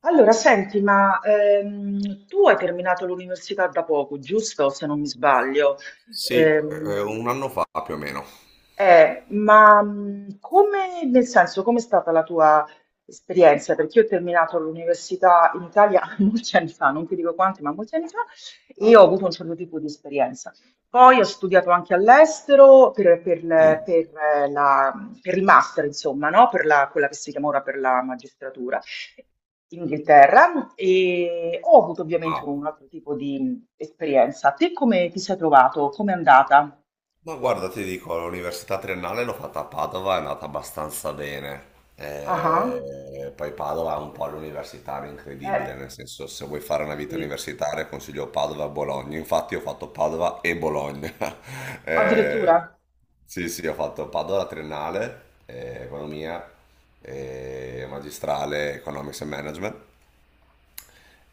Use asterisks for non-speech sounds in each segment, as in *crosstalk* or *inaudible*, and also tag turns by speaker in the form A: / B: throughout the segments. A: Allora, senti, ma tu hai terminato l'università da poco, giusto? Se non mi sbaglio.
B: Sì,
A: Ehm,
B: un anno fa più o meno.
A: come, nel senso, com'è stata la tua esperienza? Perché io ho terminato l'università in Italia *laughs* molti anni fa, non ti dico quanti, ma molti anni fa, e ho avuto un certo tipo di esperienza. Poi ho studiato anche all'estero
B: Mm,
A: eh, la- per il master, insomma, no? Quella che si chiama ora per la magistratura in Inghilterra e ho avuto
B: ma
A: ovviamente un altro tipo di esperienza. Te come ti sei trovato? Come è andata?
B: ma guarda, ti dico, l'università triennale l'ho fatta a Padova, è andata abbastanza bene.
A: Ah.
B: Poi Padova è un po' l'universitario incredibile,
A: Eh,
B: nel senso se vuoi fare
A: sì,
B: una vita
A: sì.
B: universitaria consiglio Padova e Bologna. Infatti ho fatto Padova e Bologna. *laughs* Eh,
A: Addirittura?
B: sì, sì, ho fatto Padova la triennale, economia, magistrale, economics and management.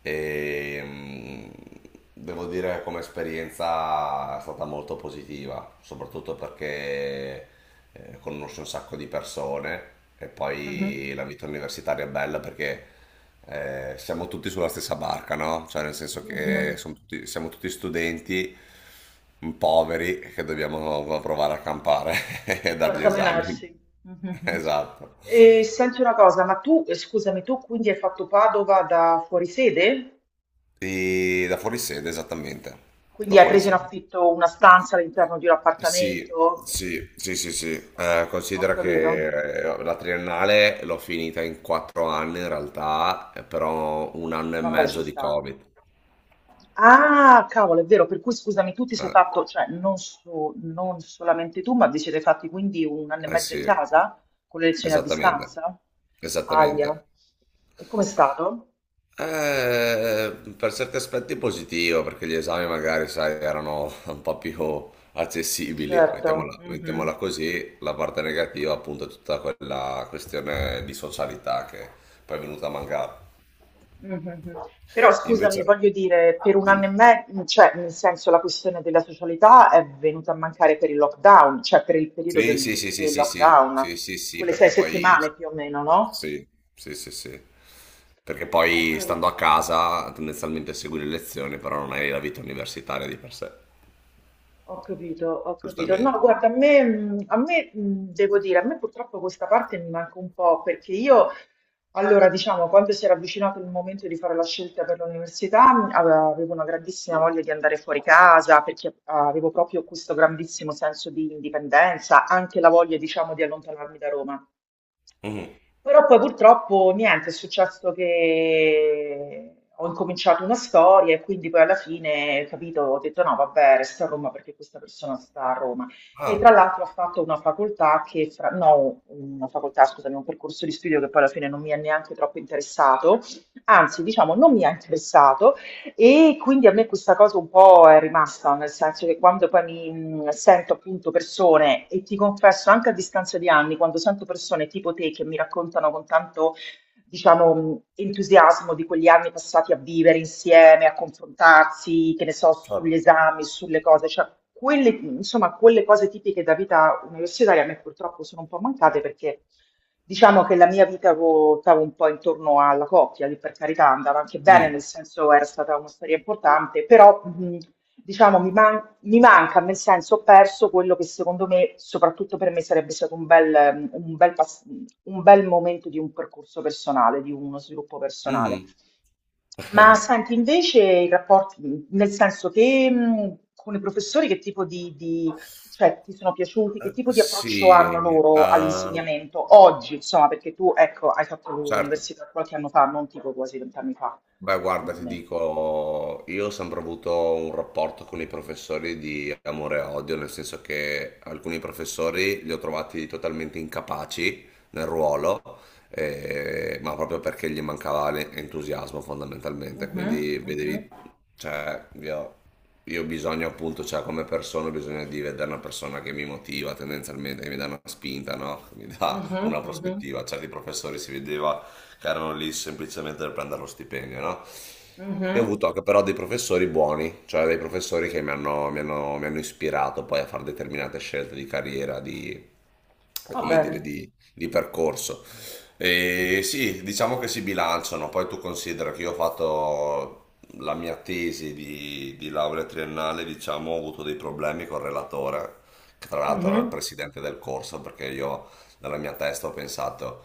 B: E devo dire che come esperienza è stata molto positiva, soprattutto perché conosci un sacco di persone e
A: Mhm.
B: poi la vita universitaria è bella perché siamo tutti sulla stessa barca, no? Cioè nel senso che
A: Mhm.
B: siamo tutti studenti poveri che dobbiamo provare a campare *laughs* e dargli esami.
A: Barcamenarsi.
B: *laughs*
A: Mhm.
B: Esatto.
A: E senti una cosa, ma tu, scusami, tu quindi hai fatto Padova da fuorisede?
B: E da fuori sede, esattamente.
A: Quindi
B: Da
A: hai
B: fuori
A: preso in
B: sede.
A: affitto una stanza all'interno di un
B: Sì,
A: appartamento?
B: sì, sì, sì, sì.
A: Ho
B: Considera
A: capito.
B: che la triennale l'ho finita in 4 anni in realtà, però un anno e
A: Vabbè, ci
B: mezzo di
A: sta.
B: Covid.
A: Ah, cavolo, è vero, per cui scusami, tu ti sei
B: Eh,
A: fatto, cioè non solamente tu, ma vi siete fatti quindi un anno e
B: eh
A: mezzo in
B: sì,
A: casa con le lezioni a
B: esattamente,
A: distanza? Aia,
B: esattamente.
A: e com'è stato?
B: Per certi aspetti positivo, perché gli esami magari, sai, erano *laughs* un po' più accessibili,
A: Certo,
B: mettiamola,
A: mhm,
B: mettiamola così. La parte negativa, appunto, è tutta quella questione di socialità che poi è venuta a mancare.
A: mhm. Però scusami,
B: Invece.
A: voglio dire, per un anno e
B: Dimmi.
A: mezzo, cioè nel senso la questione della socialità è venuta a mancare per il lockdown, cioè per il periodo
B: Sì,
A: del,
B: sì, sì, sì,
A: del
B: sì, sì,
A: lockdown,
B: sì, sì, sì,
A: quelle sei
B: perché poi
A: settimane più o meno, no?
B: sì, sì, sì, sì. Perché
A: Ho
B: poi stando a
A: capito.
B: casa tendenzialmente segui le lezioni, però non hai la vita universitaria di per sé.
A: Ho capito. No,
B: Giustamente.
A: guarda, a me, devo dire, a me purtroppo questa parte mi manca un po' perché io, allora, diciamo, quando si era avvicinato il momento di fare la scelta per l'università, avevo una grandissima voglia di andare fuori casa perché avevo proprio questo grandissimo senso di indipendenza, anche la voglia, diciamo, di allontanarmi da Roma.
B: Mhm.
A: Però poi purtroppo niente, è successo che ho incominciato una storia e quindi poi alla fine, capito, ho detto no, vabbè, resta a Roma perché questa persona sta a Roma. E
B: Ah,
A: tra l'altro ha fatto una facoltà , scusami, un percorso di studio che poi alla fine non mi è neanche troppo interessato, anzi, diciamo, non mi ha interessato, e quindi a me questa cosa un po' è rimasta, nel senso che quando poi mi sento appunto persone, e ti confesso anche a distanza di anni, quando sento persone tipo te che mi raccontano con tanto diciamo, entusiasmo di quegli anni passati a vivere insieme, a confrontarsi, che ne so, sugli
B: certo.
A: esami, sulle cose, cioè quelle, insomma, quelle cose tipiche da vita universitaria a me purtroppo sono un po' mancate perché diciamo che la mia vita ruotava un po' intorno alla coppia, lì per carità andava anche bene,
B: Mm,
A: nel senso era stata una storia importante, però diciamo mi manca, nel senso, ho perso quello che secondo me, soprattutto per me, sarebbe stato un bel, un bel momento di un percorso personale, di uno sviluppo
B: mhm.
A: personale.
B: *laughs*
A: Ma senti, invece i rapporti, nel senso che con i professori che tipo di- cioè, ti sono piaciuti, che tipo di approccio
B: Sì,
A: hanno loro all'insegnamento oggi, insomma, perché tu, ecco, hai fatto
B: certo.
A: l'università qualche anno fa, non tipo quasi vent'anni fa,
B: Beh, guarda,
A: come
B: ti
A: me.
B: dico, io ho sempre avuto un rapporto con i professori di amore e odio, nel senso che alcuni professori li ho trovati totalmente incapaci nel ruolo, ma proprio perché gli mancava entusiasmo fondamentalmente,
A: Mhm,
B: quindi
A: mhm,
B: vedevi, cioè, io ho bisogno appunto, cioè come persona ho bisogno di vedere una persona che mi motiva tendenzialmente, che mi dà una spinta, no? Che mi dà
A: mhm,
B: una
A: mhm,
B: prospettiva, certi professori si vedeva che erano lì semplicemente per prendere lo stipendio, no? E ho
A: mhm.
B: avuto anche però dei professori buoni, cioè dei professori che mi hanno ispirato poi a fare determinate scelte di carriera, di,
A: Va
B: come dire,
A: bene.
B: di percorso. E sì, diciamo che si bilanciano, poi tu considera che io ho fatto la mia tesi di laurea triennale, diciamo, ho avuto dei problemi col relatore, che tra l'altro era il
A: Mh-mh.
B: presidente del corso, perché io nella mia testa ho pensato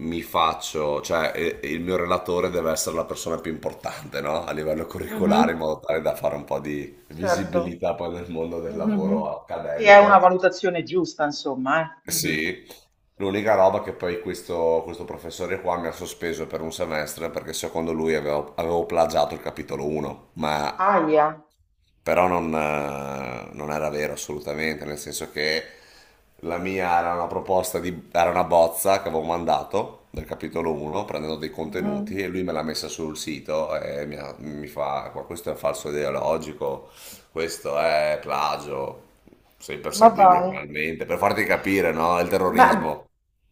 B: cioè il mio relatore deve essere la persona più importante, no? A livello
A: Mh-mh.
B: curricolare, in modo tale da fare un po' di
A: Certo.
B: visibilità poi nel mondo del
A: Mh-mh-mh.
B: lavoro
A: Che è una
B: accademico.
A: valutazione giusta insomma, eh. Mh-mh.
B: Sì, l'unica roba che poi questo professore qua mi ha sospeso per un semestre perché secondo lui avevo plagiato il capitolo 1, ma
A: Ahia.
B: però non era vero assolutamente, nel senso che la mia era una proposta era una bozza che avevo mandato del capitolo 1 prendendo dei
A: Mh-mh.
B: contenuti e lui me l'ha messa sul sito e mi fa: "Qua questo è un falso ideologico, questo è plagio, sei
A: Ma
B: perseguibile
A: dai.
B: penalmente, per farti capire, no? Il
A: Ma
B: terrorismo."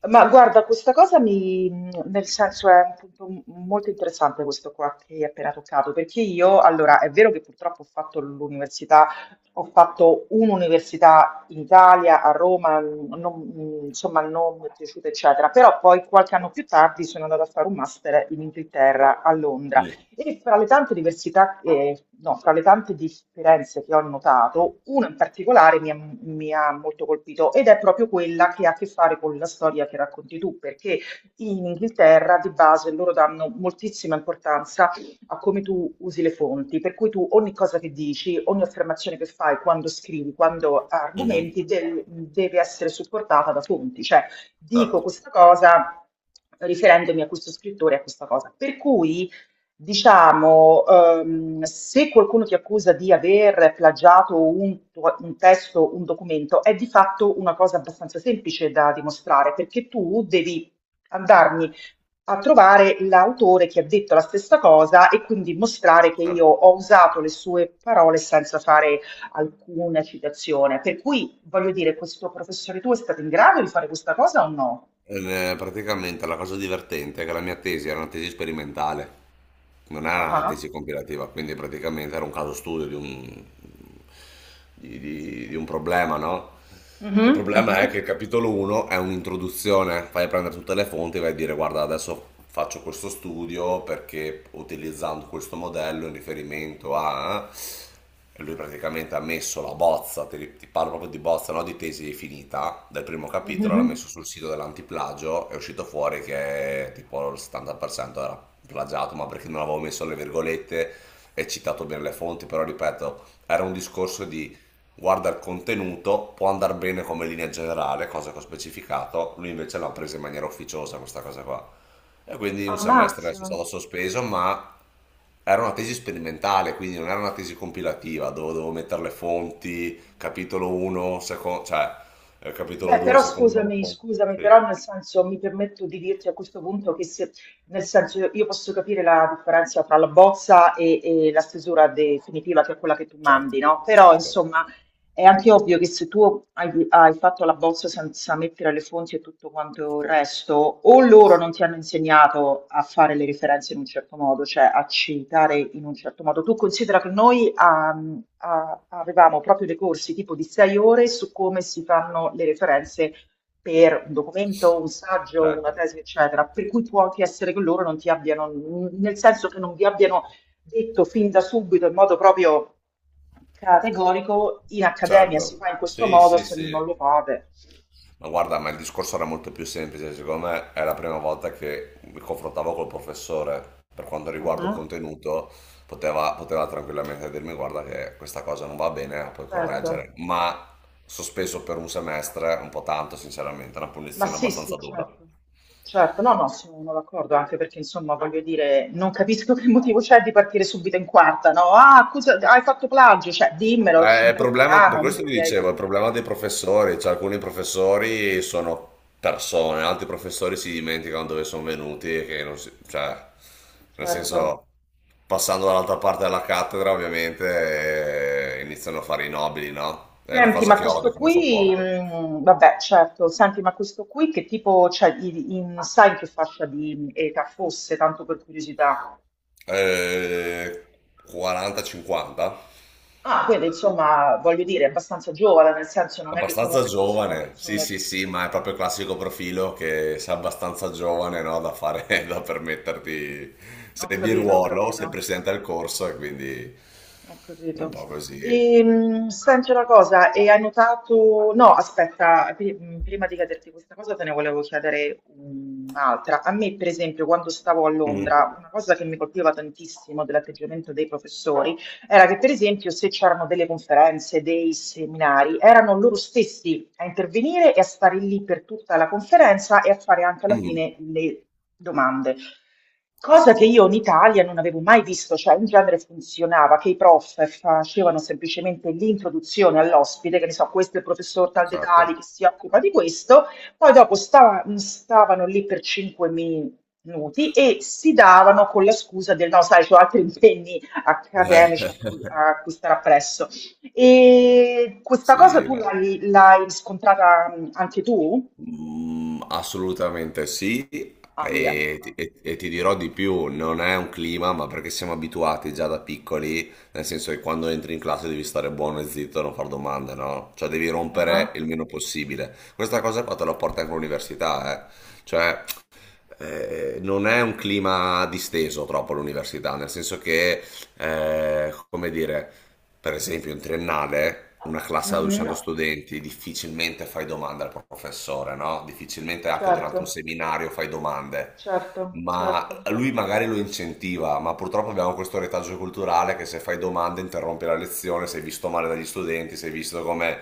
A: ma guarda, questa cosa mi nel senso è un punto m molto interessante questo qua che hai appena toccato, perché io allora è vero che purtroppo ho fatto un'università in Italia, a Roma, mhmm, non mhmm, insomma non mi è piaciuta eccetera, però poi qualche anno più tardi sono andata a fare un master in Inghilterra, a Londra.
B: Mm.
A: E fra le tante diversità, no, fra le tante differenze che ho notato, una in particolare mi ha molto colpito ed è proprio quella che ha a che fare con la storia che racconti tu, perché in Inghilterra di base loro danno moltissima importanza a come tu usi le fonti, per cui tu ogni cosa che dici, ogni affermazione che fai quando scrivi, quando
B: Mhm.
A: argomenti, deve essere supportata da fonti, cioè dico
B: Certo,
A: questa cosa riferendomi a questo scrittore, e a questa cosa. Per cui diciamo, se qualcuno ti accusa di aver plagiato un testo, un documento, è di fatto una cosa abbastanza semplice da dimostrare, perché tu devi andarmi a trovare l'autore che ha detto la stessa cosa e quindi mostrare che io
B: certo.
A: ho usato le sue parole senza fare alcuna citazione. Per cui, voglio dire, questo professore tuo è stato in grado di fare questa cosa o no?
B: Praticamente la cosa divertente è che la mia tesi era una tesi sperimentale. Non era
A: Ah, ah.
B: un'analisi compilativa, quindi praticamente era un caso studio di un, di un problema, no?
A: Mhm,
B: Il
A: mhm,
B: problema è che il capitolo 1 è un'introduzione, fai prendere tutte le fonti e vai a dire: guarda, adesso faccio questo studio perché utilizzando questo modello in riferimento a... E lui praticamente ha messo la bozza, ti parlo proprio di bozza, no di tesi finita, del primo capitolo, l'ha
A: mhm.
B: messo sul sito dell'antiplagio, è uscito fuori che tipo il 70% era plagiato, ma perché non avevo messo le virgolette e citato bene le fonti, però ripeto, era un discorso di: guarda il contenuto, può andare bene come linea generale, cosa che ho specificato, lui invece l'ha presa in maniera ufficiosa questa cosa qua. E quindi un semestre sono
A: Ammazza.
B: stato sospeso, ma era una tesi sperimentale, quindi non era una tesi compilativa dove dovevo mettere le fonti, capitolo 1, secondo, cioè capitolo
A: Beh,
B: 2,
A: però
B: secondo la
A: scusami,
B: fonte.
A: scusami,
B: Sì,
A: però nel senso mi permetto di dirti a questo punto che se, nel senso io posso capire la differenza tra la bozza e la stesura definitiva, che è quella che tu
B: certo,
A: mandi, no? Però
B: certo,
A: insomma è anche ovvio che se tu hai fatto la bozza senza mettere le fonti e tutto quanto il resto, o loro non ti hanno insegnato a fare le referenze in un certo modo, cioè a citare in un certo modo. Tu considera che noi avevamo proprio dei corsi tipo di 6 ore su come si fanno le referenze per un documento, un saggio, una
B: certo.
A: tesi, eccetera, per cui può anche essere che loro non ti abbiano, nel senso che non vi abbiano detto fin da subito in modo proprio categorico, in accademia si
B: Certo,
A: fa in questo
B: sì,
A: modo
B: sì,
A: se
B: sì.
A: non lo fate.
B: Ma guarda, ma il discorso era molto più semplice, secondo me è la prima volta che mi confrontavo col professore per quanto riguarda il
A: Mhm,
B: contenuto, poteva, poteva tranquillamente dirmi guarda che questa cosa non va bene, la puoi
A: certo,
B: correggere, ma sospeso per un semestre, un po' tanto sinceramente, è una
A: ma
B: punizione
A: sì, sì,
B: abbastanza dura.
A: certo. Certo, no, no, sono d'accordo, anche perché insomma voglio dire, non capisco *laughs* che motivo c'è di partire subito in quarta, no? Ah, scusa, hai fatto plagio, cioè dimmelo, ci
B: Ma è problema, per
A: incontriamo, mi
B: questo vi dicevo, è
A: spieghi.
B: il problema dei professori, cioè alcuni professori sono persone, altri professori si dimenticano dove sono venuti e che non si, cioè, nel senso,
A: Certo.
B: passando dall'altra parte della cattedra, ovviamente, iniziano a fare i nobili, no? È una
A: Senti,
B: cosa
A: ma
B: che odio,
A: questo
B: che non
A: qui,
B: sopporto.
A: vabbè, certo, senti, ma questo qui che tipo, cioè, sai in che fascia di età fosse, tanto per curiosità?
B: Eh, 40-50?
A: Ah, quindi insomma, voglio dire, è abbastanza giovane, nel senso non è che
B: Abbastanza
A: comunque fosse una
B: giovane, sì,
A: persona...
B: sì, sì, ma è proprio il classico profilo che sei abbastanza giovane, no, da fare, *laughs* da permetterti,
A: Ho
B: sei di
A: capito, ho
B: ruolo, sei
A: capito.
B: presidente del corso e quindi
A: Ho
B: è un
A: capito.
B: po' così.
A: Senti una cosa, e hai notato... No, aspetta, prima di chiederti questa cosa te ne volevo chiedere un'altra. A me, per esempio, quando stavo a
B: Mm,
A: Londra, una cosa che mi colpiva tantissimo dell'atteggiamento dei professori era che, per esempio, se c'erano delle conferenze, dei seminari, erano loro stessi a intervenire e a stare lì per tutta la conferenza e a fare anche alla
B: mm,
A: fine le domande. Cosa che io in Italia non avevo mai visto, cioè in genere funzionava che i prof facevano semplicemente l'introduzione all'ospite, che ne so, questo è il professor tal dei
B: certo.
A: tali che si occupa di questo, poi dopo stavano lì per 5 minuti e si davano con la scusa del no, sai, ho altri impegni accademici
B: *laughs*
A: a cui stare appresso. E questa cosa
B: Sì,
A: tu l'hai riscontrata anche tu?
B: Mm, assolutamente sì,
A: Aia.
B: e ti dirò di più, non è un clima, ma perché siamo abituati già da piccoli, nel senso che quando entri in classe devi stare buono e zitto e non far domande, no? Cioè devi
A: Ah.
B: rompere
A: Ah.
B: il meno possibile. Questa cosa qua te la porta anche all'università, eh? Cioè, non è un clima disteso troppo all'università, nel senso che, come dire, per esempio in triennale, una classe da
A: Mhm.
B: 200 studenti, difficilmente fai domande al professore, no? Difficilmente anche durante un
A: Certo,
B: seminario fai domande.
A: certo,
B: Ma
A: certo.
B: lui magari lo incentiva, ma purtroppo abbiamo questo retaggio culturale che se fai domande interrompi la lezione, sei visto male dagli studenti, sei visto come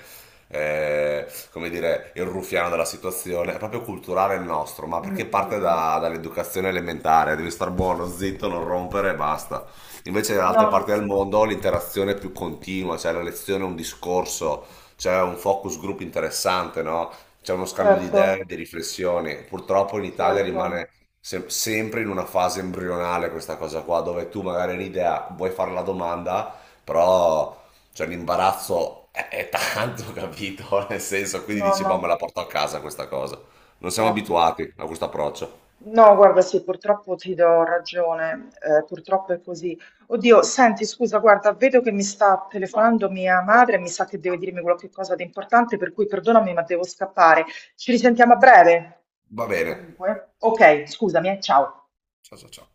B: come dire, il ruffiano della situazione, è proprio culturale il nostro, ma
A: Mm,
B: perché
A: mm,
B: parte
A: mm.
B: dall'educazione elementare, devi star buono, zitto, non rompere e basta. Invece nell'altra parte
A: No,
B: del mondo l'interazione è più continua, c'è la lezione, un discorso, c'è un focus group interessante, no? C'è uno scambio di
A: certo,
B: idee, di riflessioni. Purtroppo in Italia
A: certo.
B: rimane sempre in una fase embrionale questa cosa qua, dove tu magari hai un'idea, vuoi fare la domanda, però cioè l'imbarazzo è tanto, *laughs* capito? Nel senso, quindi
A: No,
B: dici,
A: no,
B: boh, me la porto a casa questa cosa. Non siamo
A: certo.
B: abituati a questo approccio.
A: No, guarda, sì, purtroppo ti do ragione, purtroppo è così. Oddio, senti, scusa, guarda, vedo che mi sta telefonando mia madre, mi sa che deve dirmi qualche cosa di importante, per cui perdonami, ma devo scappare. Ci risentiamo a breve.
B: Va bene.
A: Comunque, ok, scusami, ciao.
B: Ciao ciao ciao.